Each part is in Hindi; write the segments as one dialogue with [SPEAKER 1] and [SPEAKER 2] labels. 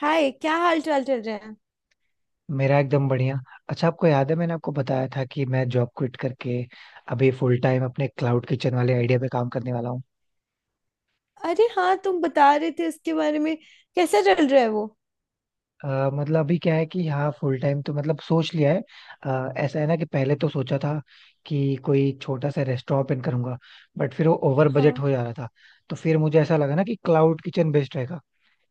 [SPEAKER 1] हाय, क्या हाल चाल चल रहे हैं।
[SPEAKER 2] मेरा एकदम बढ़िया. अच्छा, आपको याद है मैंने आपको बताया था कि मैं जॉब क्विट करके अभी फुल टाइम अपने क्लाउड किचन वाले आइडिया पे काम करने वाला हूँ.
[SPEAKER 1] अरे हाँ, तुम बता रहे थे इसके बारे में। कैसा चल रहा है वो।
[SPEAKER 2] मतलब अभी क्या है कि हाँ फुल टाइम तो मतलब सोच लिया है. ऐसा है ना कि पहले तो सोचा था कि कोई छोटा सा रेस्टोरेंट ओपन करूंगा. बट फिर वो ओवर बजट
[SPEAKER 1] हाँ।
[SPEAKER 2] हो जा रहा था. तो फिर मुझे ऐसा लगा ना कि क्लाउड किचन बेस्ट रहेगा.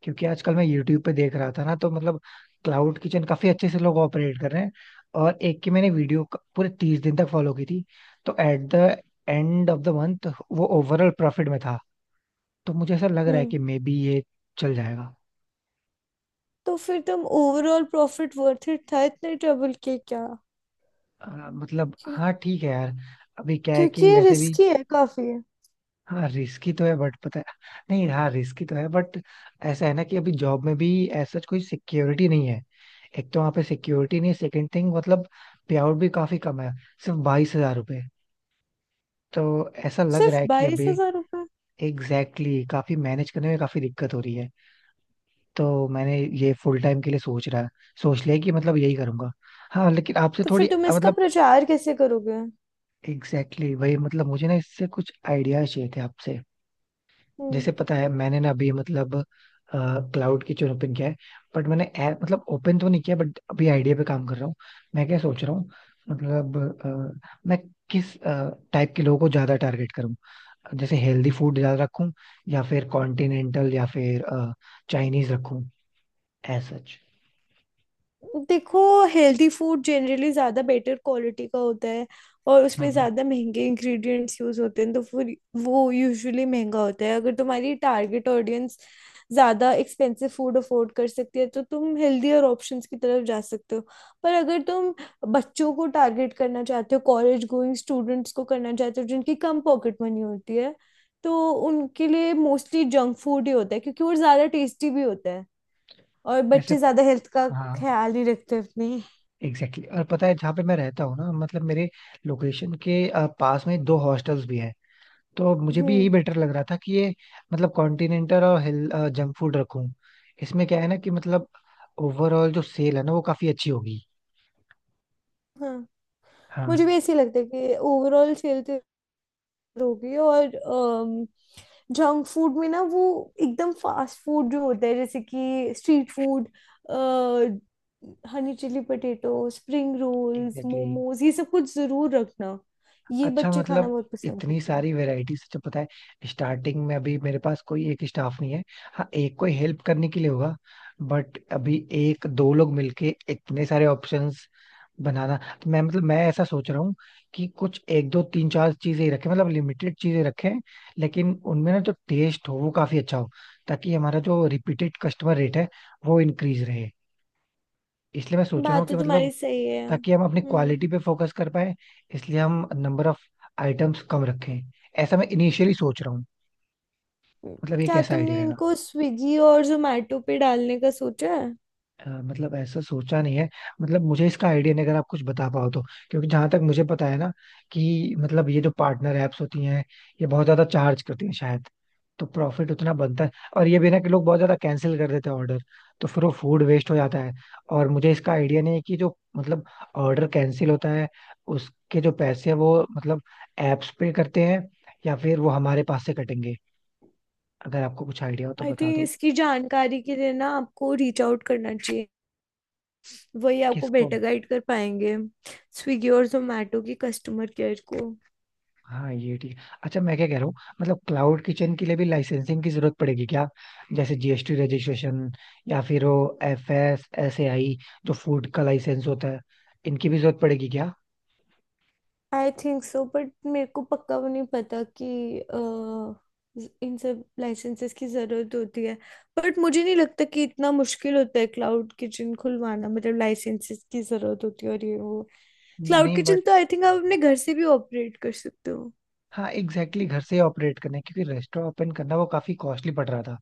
[SPEAKER 2] क्योंकि आजकल मैं यूट्यूब पे देख रहा था ना, तो मतलब क्लाउड किचन काफी अच्छे से लोग ऑपरेट कर रहे हैं. और एक की मैंने वीडियो पूरे 30 दिन तक फॉलो की थी. तो at the end of the month वो ओवरऑल प्रॉफिट में था. तो मुझे ऐसा लग रहा है
[SPEAKER 1] हम्म।
[SPEAKER 2] कि मे बी ये चल जाएगा.
[SPEAKER 1] तो फिर तुम ओवरऑल प्रॉफिट वर्थ इट था इतने ट्रबल के, क्या।
[SPEAKER 2] अ, मतलब
[SPEAKER 1] क्यों-
[SPEAKER 2] हाँ ठीक है यार. अभी क्या है
[SPEAKER 1] क्योंकि
[SPEAKER 2] कि
[SPEAKER 1] ये
[SPEAKER 2] वैसे भी
[SPEAKER 1] रिस्की है काफी।
[SPEAKER 2] हाँ रिस्की तो है बट पता है. नहीं, हाँ रिस्की तो है बट ऐसा है ना कि अभी जॉब में भी ऐसा कोई सिक्योरिटी नहीं है. एक तो वहाँ पे सिक्योरिटी नहीं है, सेकंड थिंग मतलब पे आउट भी काफी कम है. सिर्फ 22 हजार रुपए. तो ऐसा लग
[SPEAKER 1] सिर्फ
[SPEAKER 2] रहा है कि
[SPEAKER 1] बाईस
[SPEAKER 2] अभी
[SPEAKER 1] हजार रुपए
[SPEAKER 2] एग्जैक्टली काफी मैनेज करने में काफी दिक्कत हो रही है. तो मैंने ये फुल टाइम के लिए सोच लिया कि मतलब यही करूंगा. हाँ लेकिन आपसे
[SPEAKER 1] तो फिर
[SPEAKER 2] थोड़ी
[SPEAKER 1] तुम इसका
[SPEAKER 2] मतलब
[SPEAKER 1] प्रचार कैसे करोगे।
[SPEAKER 2] एग्जैक्टली वही मतलब मुझे ना इससे कुछ आइडियाज चाहिए थे आपसे.
[SPEAKER 1] हम्म।
[SPEAKER 2] जैसे पता है मैंने ना अभी मतलब क्लाउड किचन ओपन किया है. बट मैंने ऐप मतलब ओपन तो नहीं किया, बट अभी आइडिया पे काम कर रहा हूँ. मैं क्या सोच रहा हूँ, मतलब मैं किस टाइप के लोगों को ज्यादा टारगेट करूँ. जैसे हेल्दी फूड ज्यादा रखूँ, या फिर कॉन्टिनेंटल या फिर चाइनीज रखूँ, एज सच.
[SPEAKER 1] देखो, हेल्दी फूड जनरली ज़्यादा बेटर क्वालिटी का होता है और उसमें
[SPEAKER 2] हम्म.
[SPEAKER 1] ज़्यादा महंगे इंग्रेडिएंट्स यूज़ होते हैं, तो फिर वो यूजुअली महंगा होता है। अगर तुम्हारी टारगेट ऑडियंस ज़्यादा एक्सपेंसिव फूड अफोर्ड कर सकती है तो तुम हेल्दियर ऑप्शंस की तरफ जा सकते हो। पर अगर तुम बच्चों को टारगेट करना चाहते हो, कॉलेज गोइंग स्टूडेंट्स को करना चाहते हो जिनकी कम पॉकेट मनी होती है, तो उनके लिए मोस्टली जंक फूड ही होता है क्योंकि वो ज़्यादा टेस्टी भी होता है। और
[SPEAKER 2] वैसे
[SPEAKER 1] बच्चे ज्यादा हेल्थ का
[SPEAKER 2] हाँ
[SPEAKER 1] ख्याल नहीं रखते अपनी।
[SPEAKER 2] एग्जैक्टली और पता है जहाँ पे मैं रहता हूँ ना, मतलब मेरे लोकेशन के पास में दो हॉस्टल्स भी हैं. तो मुझे भी
[SPEAKER 1] हम्म।
[SPEAKER 2] यही बेटर लग रहा था कि ये मतलब कॉन्टिनेंटल और हिल जंक फूड रखूं. इसमें क्या है ना कि मतलब ओवरऑल जो सेल है ना वो काफी अच्छी होगी.
[SPEAKER 1] हाँ, मुझे
[SPEAKER 2] हाँ
[SPEAKER 1] भी ऐसे ही लगता है कि ओवरऑल हेल्थ होगी। और जंक फूड में ना, वो एकदम फास्ट फूड जो होता है, जैसे कि street food, honey chilli potato, spring rolls,
[SPEAKER 2] exactly.
[SPEAKER 1] Momos, ये सब कुछ जरूर रखना। ये
[SPEAKER 2] अच्छा
[SPEAKER 1] बच्चे खाना
[SPEAKER 2] मतलब
[SPEAKER 1] बहुत पसंद
[SPEAKER 2] इतनी
[SPEAKER 1] करते हैं।
[SPEAKER 2] सारी वैरायटीज तो, पता है स्टार्टिंग में अभी मेरे पास कोई एक स्टाफ नहीं है. हाँ एक कोई हेल्प करने के लिए होगा. बट अभी एक दो लोग मिलके इतने सारे ऑप्शंस बनाना. तो मैं मतलब मैं ऐसा सोच रहा हूँ कि कुछ एक दो तीन चार चीजें ही रखें, मतलब लिमिटेड चीजें रखें. लेकिन उनमें ना जो टेस्ट हो वो काफी अच्छा हो, ताकि हमारा जो रिपीटेड कस्टमर रेट है वो इंक्रीज रहे. इसलिए मैं सोच रहा हूँ
[SPEAKER 1] बात
[SPEAKER 2] कि
[SPEAKER 1] तो
[SPEAKER 2] मतलब
[SPEAKER 1] तुम्हारी सही है।
[SPEAKER 2] ताकि हम अपनी
[SPEAKER 1] हम्म।
[SPEAKER 2] क्वालिटी पे फोकस कर पाए, इसलिए हम नंबर ऑफ आइटम्स कम रखें. ऐसा मैं इनिशियली सोच रहा हूँ, मतलब ये
[SPEAKER 1] क्या
[SPEAKER 2] कैसा आइडिया
[SPEAKER 1] तुमने
[SPEAKER 2] रहेगा.
[SPEAKER 1] इनको स्विगी और जोमेटो पे डालने का सोचा है।
[SPEAKER 2] मतलब ऐसा सोचा नहीं है. मतलब मुझे इसका आइडिया नहीं, अगर आप कुछ बता पाओ तो. क्योंकि जहां तक मुझे पता है ना, कि मतलब ये जो पार्टनर एप्स होती हैं ये बहुत ज्यादा चार्ज करती हैं शायद. तो प्रॉफिट उतना बनता है. और ये भी ना कि लोग बहुत ज्यादा कैंसिल कर देते हैं ऑर्डर. तो फिर वो फूड वेस्ट हो जाता है. और मुझे इसका आइडिया नहीं है कि जो मतलब ऑर्डर कैंसिल होता है उसके जो पैसे हैं वो मतलब एप्स पे करते हैं, या फिर वो हमारे पास से कटेंगे. अगर आपको कुछ आइडिया हो तो
[SPEAKER 1] आई
[SPEAKER 2] बता
[SPEAKER 1] थिंक
[SPEAKER 2] दो.
[SPEAKER 1] इसकी जानकारी के लिए ना आपको रीच आउट करना चाहिए, वही आपको
[SPEAKER 2] किसको?
[SPEAKER 1] बेटर गाइड कर पाएंगे। स्विगी और जोमेटो की कस्टमर केयर को।
[SPEAKER 2] हाँ ये ठीक है. अच्छा मैं क्या कह रहा हूँ, मतलब क्लाउड किचन के लिए भी लाइसेंसिंग की जरूरत पड़ेगी क्या? जैसे जीएसटी रजिस्ट्रेशन, या फिर वो F S S A I जो फूड का लाइसेंस होता है, इनकी भी जरूरत पड़ेगी क्या?
[SPEAKER 1] आई थिंक सो, बट मेरे को पक्का वो नहीं पता कि इन सब लाइसेंसेस की ज़रूरत होती है। बट मुझे नहीं लगता कि इतना मुश्किल होता है क्लाउड किचन खुलवाना। मतलब लाइसेंसेस की ज़रूरत होती है और ये वो, क्लाउड
[SPEAKER 2] नहीं बट
[SPEAKER 1] किचन तो आई थिंक आप अपने घर से भी ऑपरेट कर सकते हो।
[SPEAKER 2] हाँ एग्जैक्टली घर से ऑपरेट करना है, क्योंकि रेस्टोरेंट ओपन करना वो काफी कॉस्टली पड़ रहा था.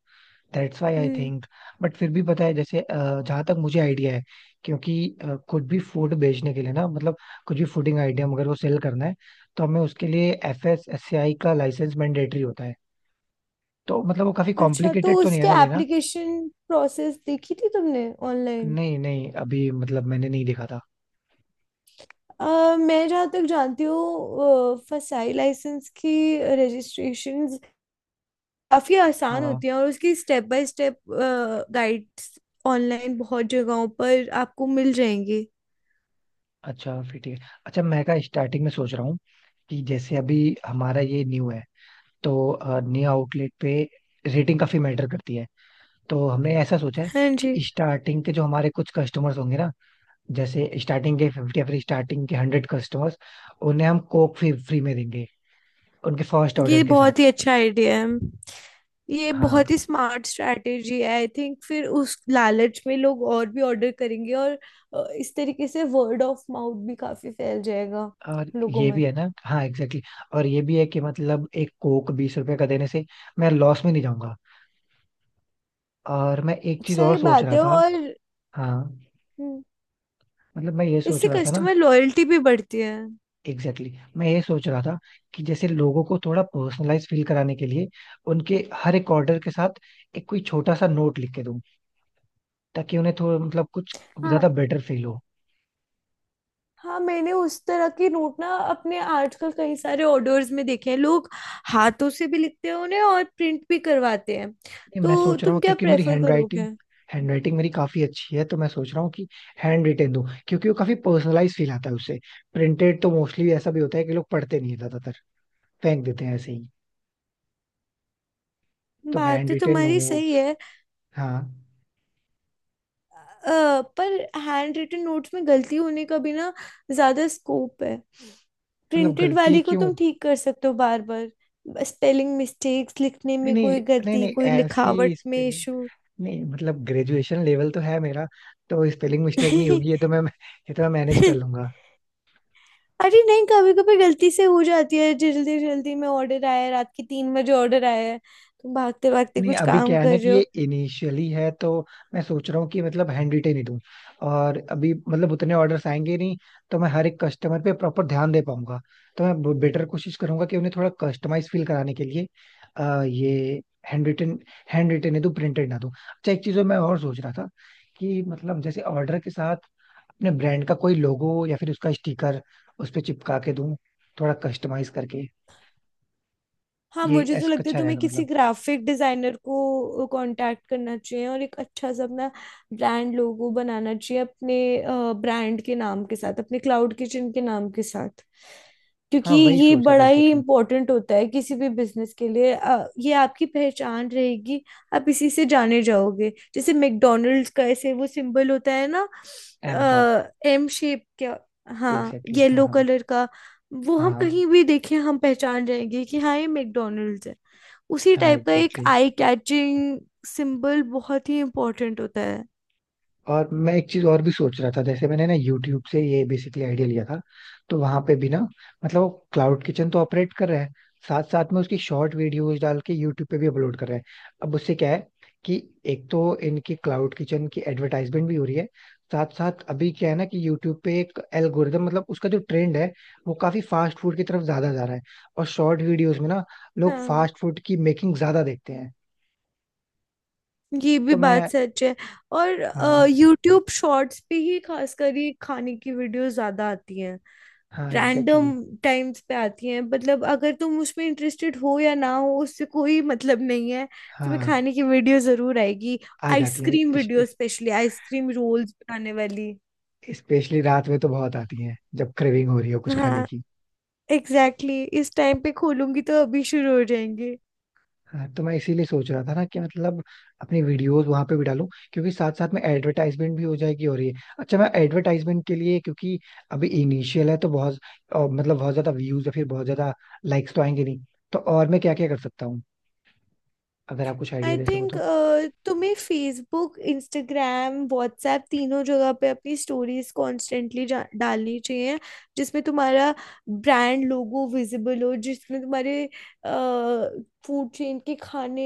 [SPEAKER 2] That's why I
[SPEAKER 1] hmm.
[SPEAKER 2] Think. But फिर भी पता है जैसे जहाँ तक मुझे आइडिया है. क्योंकि कुछ भी फूड बेचने के लिए ना, मतलब कुछ भी फूडिंग आइडिया अगर वो सेल करना है तो हमें उसके लिए एफ एस एस आई का लाइसेंस मैंडेटरी होता है. तो मतलब वो काफी
[SPEAKER 1] अच्छा, तो
[SPEAKER 2] कॉम्प्लिकेटेड तो नहीं है
[SPEAKER 1] उसके
[SPEAKER 2] ना लेना.
[SPEAKER 1] एप्लीकेशन प्रोसेस देखी थी तुमने ऑनलाइन।
[SPEAKER 2] नहीं नहीं, अभी मतलब मैंने नहीं देखा था.
[SPEAKER 1] मैं जहाँ तक जानती हूँ, फसाई लाइसेंस की रजिस्ट्रेशंस काफ़ी आसान
[SPEAKER 2] हाँ.
[SPEAKER 1] होती हैं और उसकी step by step guides online बहुत जगहों पर आपको मिल जाएंगी।
[SPEAKER 2] अच्छा फिर ठीक है. अच्छा मैं का स्टार्टिंग में सोच रहा हूँ कि जैसे अभी हमारा ये न्यू है, तो न्यू आउटलेट पे रेटिंग काफी मैटर करती है. तो हमने ऐसा सोचा है
[SPEAKER 1] हाँ
[SPEAKER 2] कि
[SPEAKER 1] जी।
[SPEAKER 2] स्टार्टिंग के जो हमारे कुछ कस्टमर्स होंगे ना, जैसे स्टार्टिंग के 50 या फिर स्टार्टिंग के 100 कस्टमर्स, उन्हें हम कोक फ्री फ्री में देंगे उनके फर्स्ट
[SPEAKER 1] ये
[SPEAKER 2] ऑर्डर के साथ.
[SPEAKER 1] बहुत ही अच्छा आइडिया है। ये
[SPEAKER 2] हाँ
[SPEAKER 1] बहुत ही स्मार्ट स्ट्रैटेजी है। आई थिंक फिर उस लालच में लोग और भी ऑर्डर करेंगे। और इस तरीके से वर्ड ऑफ माउथ भी काफ़ी फैल जाएगा
[SPEAKER 2] और
[SPEAKER 1] लोगों
[SPEAKER 2] ये भी
[SPEAKER 1] में।
[SPEAKER 2] है ना, हाँ एग्जैक्टली और ये भी है कि मतलब एक कोक 20 रुपए का देने से मैं लॉस में नहीं जाऊंगा. और मैं एक चीज और
[SPEAKER 1] सही
[SPEAKER 2] सोच
[SPEAKER 1] बात
[SPEAKER 2] रहा
[SPEAKER 1] है।
[SPEAKER 2] था.
[SPEAKER 1] और
[SPEAKER 2] हाँ
[SPEAKER 1] हम्म,
[SPEAKER 2] मतलब मैं ये सोच
[SPEAKER 1] इससे
[SPEAKER 2] रहा था ना.
[SPEAKER 1] कस्टमर लॉयल्टी भी बढ़ती है।
[SPEAKER 2] एग्जैक्टली मैं ये सोच रहा था कि जैसे लोगों को थोड़ा पर्सनलाइज फील कराने के लिए उनके हर एक ऑर्डर के साथ एक कोई छोटा सा नोट लिख के दूं, ताकि उन्हें थोड़ा मतलब कुछ ज्यादा
[SPEAKER 1] हाँ,
[SPEAKER 2] बेटर फील हो.
[SPEAKER 1] हाँ, मैंने उस तरह की नोट ना अपने आजकल कई सारे ऑर्डर्स में देखे हैं। लोग हाथों से भी लिखते हैं उन्हें और प्रिंट भी करवाते हैं।
[SPEAKER 2] नहीं, मैं
[SPEAKER 1] तो
[SPEAKER 2] सोच रहा
[SPEAKER 1] तुम
[SPEAKER 2] हूँ
[SPEAKER 1] क्या
[SPEAKER 2] क्योंकि मेरी
[SPEAKER 1] प्रेफर
[SPEAKER 2] हैंड राइटिंग,
[SPEAKER 1] करोगे।
[SPEAKER 2] हैंड राइटिंग मेरी काफी अच्छी है. तो मैं सोच रहा हूँ कि हैंड रिटेन दूं, क्योंकि वो काफी पर्सनलाइज फील आता है उससे. प्रिंटेड तो मोस्टली ऐसा भी होता है कि लोग पढ़ते नहीं है, ज्यादातर फेंक देते हैं ऐसे ही. तो
[SPEAKER 1] बात
[SPEAKER 2] हैंड
[SPEAKER 1] तो
[SPEAKER 2] रिटेन
[SPEAKER 1] तुम्हारी
[SPEAKER 2] नोट्स.
[SPEAKER 1] सही है।
[SPEAKER 2] हाँ
[SPEAKER 1] पर हैंड रिटन नोट्स में गलती होने का भी ना ज्यादा स्कोप है।
[SPEAKER 2] मतलब
[SPEAKER 1] प्रिंटेड
[SPEAKER 2] गलती
[SPEAKER 1] वाली को
[SPEAKER 2] क्यों?
[SPEAKER 1] तुम ठीक कर सकते हो बार बार। स्पेलिंग मिस्टेक्स, लिखने
[SPEAKER 2] नहीं
[SPEAKER 1] में
[SPEAKER 2] नहीं.
[SPEAKER 1] कोई
[SPEAKER 2] नहीं
[SPEAKER 1] गलती,
[SPEAKER 2] नहीं
[SPEAKER 1] कोई
[SPEAKER 2] ऐसी
[SPEAKER 1] लिखावट में
[SPEAKER 2] स्पेलिंग.
[SPEAKER 1] इशू।
[SPEAKER 2] नहीं मतलब ग्रेजुएशन लेवल तो है मेरा, तो स्पेलिंग मिस्टेक नहीं होगी. ये तो मैं मैनेज कर लूंगा.
[SPEAKER 1] अरे नहीं, कभी कभी गलती से हो जाती है, जल्दी जल्दी में। ऑर्डर आया है रात के 3 बजे, ऑर्डर आया है, तुम भागते भागते
[SPEAKER 2] नहीं
[SPEAKER 1] कुछ
[SPEAKER 2] अभी
[SPEAKER 1] काम
[SPEAKER 2] क्या है ना
[SPEAKER 1] कर
[SPEAKER 2] कि
[SPEAKER 1] रहे
[SPEAKER 2] ये
[SPEAKER 1] हो।
[SPEAKER 2] इनिशियली है, तो मैं सोच रहा हूँ कि मतलब हैंड रिटेन ही दूं. और अभी मतलब उतने ऑर्डर्स आएंगे नहीं, तो मैं हर एक कस्टमर पे प्रॉपर ध्यान दे पाऊंगा. तो मैं बेटर कोशिश करूंगा कि उन्हें थोड़ा कस्टमाइज फील कराने के लिए ये हैंड रिटेन हैंड रिटेन ही दूं, प्रिंटेड ना दूं. अच्छा एक चीज जो मैं और सोच रहा था, कि मतलब जैसे ऑर्डर के साथ अपने ब्रांड का कोई लोगो या फिर उसका स्टिकर उस पे चिपका के दूं, थोड़ा कस्टमाइज करके.
[SPEAKER 1] हाँ,
[SPEAKER 2] ये
[SPEAKER 1] मुझे तो
[SPEAKER 2] ऐसा
[SPEAKER 1] लगता है
[SPEAKER 2] अच्छा
[SPEAKER 1] तुम्हें
[SPEAKER 2] रहेगा
[SPEAKER 1] किसी
[SPEAKER 2] मतलब.
[SPEAKER 1] ग्राफिक डिजाइनर को कांटेक्ट करना चाहिए और एक अच्छा सा अपना ब्रांड लोगो बनाना चाहिए, अपने ब्रांड के नाम के साथ, अपने क्लाउड किचन के नाम के साथ।
[SPEAKER 2] हाँ
[SPEAKER 1] क्योंकि
[SPEAKER 2] वही
[SPEAKER 1] ये
[SPEAKER 2] सोच रहा था
[SPEAKER 1] बड़ा ही
[SPEAKER 2] एग्जैक्टली.
[SPEAKER 1] इम्पोर्टेंट होता है किसी भी बिजनेस के लिए। ये आपकी पहचान रहेगी, आप इसी से जाने जाओगे। जैसे मैकडोनल्ड्स का ऐसे वो सिंबल होता है ना,
[SPEAKER 2] एम का.
[SPEAKER 1] एम शेप का। हाँ,
[SPEAKER 2] एग्जैक्टली हाँ
[SPEAKER 1] येलो
[SPEAKER 2] हाँ.
[SPEAKER 1] कलर का। वो हम
[SPEAKER 2] हाँ.
[SPEAKER 1] कहीं भी देखें, हम पहचान जाएंगे कि हाँ, ये मैकडोनल्ड्स है। उसी
[SPEAKER 2] हाँ
[SPEAKER 1] टाइप का एक
[SPEAKER 2] एग्जैक्टली.
[SPEAKER 1] आई कैचिंग सिंबल बहुत ही इम्पोर्टेंट होता है।
[SPEAKER 2] और मैं एक चीज और भी सोच रहा था, जैसे मैंने ना यूट्यूब से ये बेसिकली आइडिया लिया था. तो वहां पे भी ना मतलब वो क्लाउड किचन तो ऑपरेट कर रहा है, साथ साथ में उसकी शॉर्ट वीडियोस डाल के यूट्यूब पे भी अपलोड कर रहा है. अब उससे क्या है कि एक तो इनकी क्लाउड किचन की एडवर्टाइजमेंट भी हो रही है, साथ साथ अभी क्या है ना कि यूट्यूब पे एक एल्गोरिदम मतलब उसका जो ट्रेंड है वो काफी फास्ट फूड की तरफ ज्यादा जा रहा है. और शॉर्ट वीडियोस में ना लोग
[SPEAKER 1] हाँ,
[SPEAKER 2] फास्ट फूड की मेकिंग ज्यादा देखते हैं.
[SPEAKER 1] ये भी
[SPEAKER 2] तो
[SPEAKER 1] बात
[SPEAKER 2] मैं
[SPEAKER 1] सच है। और
[SPEAKER 2] हाँ.
[SPEAKER 1] यूट्यूब शॉर्ट्स पे ही खासकर ये खाने की वीडियो ज्यादा आती हैं।
[SPEAKER 2] हाँ एग्जैक्टली
[SPEAKER 1] रैंडम टाइम्स पे आती हैं। मतलब अगर तुम उसमें इंटरेस्टेड हो या ना हो, उससे कोई मतलब नहीं है, तुम्हें
[SPEAKER 2] हाँ
[SPEAKER 1] खाने की वीडियो जरूर आएगी।
[SPEAKER 2] आ जाती हैं.
[SPEAKER 1] Ice cream video, specially ice cream rolls बनाने वाली।
[SPEAKER 2] स्पेशली रात में तो बहुत आती हैं जब क्रेविंग हो रही हो कुछ खाने
[SPEAKER 1] हाँ,
[SPEAKER 2] की.
[SPEAKER 1] एग्जैक्टली exactly, इस टाइम पे खोलूंगी तो अभी शुरू हो जाएंगे।
[SPEAKER 2] हाँ तो मैं इसीलिए सोच रहा था ना कि मतलब अपनी वीडियोस वहां पे भी डालूं, क्योंकि साथ साथ में एडवर्टाइजमेंट भी हो जाएगी हो रही है. अच्छा मैं एडवर्टाइजमेंट के लिए, क्योंकि अभी इनिशियल है तो बहुत और मतलब बहुत ज्यादा व्यूज या फिर बहुत ज्यादा लाइक्स तो आएंगे नहीं. तो और मैं क्या क्या कर सकता हूँ, अगर आप कुछ आइडिया
[SPEAKER 1] आई
[SPEAKER 2] दे सको
[SPEAKER 1] थिंक
[SPEAKER 2] तो.
[SPEAKER 1] तुम्हें फेसबुक, इंस्टाग्राम, व्हाट्सएप तीनों जगह पे अपनी स्टोरीज कॉन्स्टेंटली डालनी चाहिए, जिसमें तुम्हारा ब्रांड लोगो विजिबल हो, जिसमें तुम्हारे फूड चेन के खाने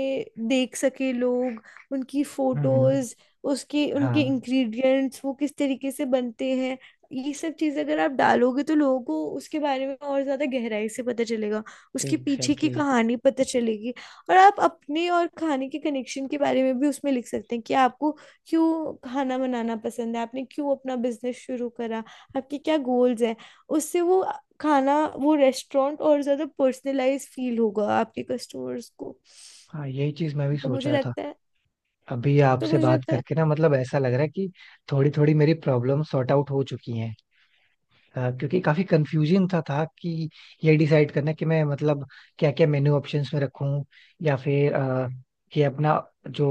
[SPEAKER 1] देख सके लोग, उनकी
[SPEAKER 2] हम्म.
[SPEAKER 1] फोटोज, उसके उनके
[SPEAKER 2] हाँ
[SPEAKER 1] इंग्रेडिएंट्स, वो किस तरीके से बनते हैं। ये सब चीज़ अगर आप डालोगे तो लोगों को उसके बारे में और ज़्यादा गहराई से पता चलेगा, उसके पीछे की
[SPEAKER 2] एग्जैक्टली
[SPEAKER 1] कहानी पता चलेगी। और आप अपने और खाने के कनेक्शन के बारे में भी उसमें लिख सकते हैं कि आपको क्यों खाना बनाना पसंद है, आपने क्यों अपना बिजनेस शुरू करा, आपके क्या गोल्स हैं। उससे वो खाना, वो रेस्टोरेंट और ज़्यादा पर्सनलाइज फील होगा आपके कस्टमर्स को।
[SPEAKER 2] हाँ यही चीज मैं भी
[SPEAKER 1] तो
[SPEAKER 2] सोच
[SPEAKER 1] मुझे
[SPEAKER 2] रहा था.
[SPEAKER 1] लगता है
[SPEAKER 2] अभी
[SPEAKER 1] तो
[SPEAKER 2] आपसे
[SPEAKER 1] मुझे
[SPEAKER 2] बात
[SPEAKER 1] लगता है
[SPEAKER 2] करके ना मतलब ऐसा लग रहा है कि थोड़ी थोड़ी मेरी प्रॉब्लम सॉर्ट आउट हो चुकी हैं. क्योंकि काफी कंफ्यूजिंग था कि ये डिसाइड करना कि मैं मतलब क्या क्या मेन्यू ऑप्शंस में रखूं. या फिर कि अपना जो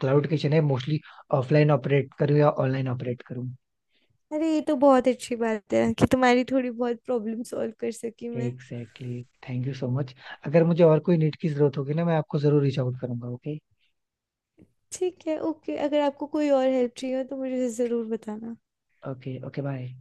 [SPEAKER 2] क्लाउड किचन है मोस्टली ऑफलाइन ऑपरेट करूं या ऑनलाइन ऑपरेट करूं.
[SPEAKER 1] अरे ये तो बहुत अच्छी बात है कि तुम्हारी थोड़ी बहुत प्रॉब्लम सॉल्व कर सकी मैं।
[SPEAKER 2] Exactly. Thank you so much. अगर मुझे और कोई नीड की जरूरत होगी ना, मैं आपको जरूर रीच आउट करूंगा. ओके.
[SPEAKER 1] ठीक है, ओके, अगर आपको कोई और हेल्प चाहिए हो तो मुझे ज़रूर बताना।
[SPEAKER 2] ओके. ओके. बाय.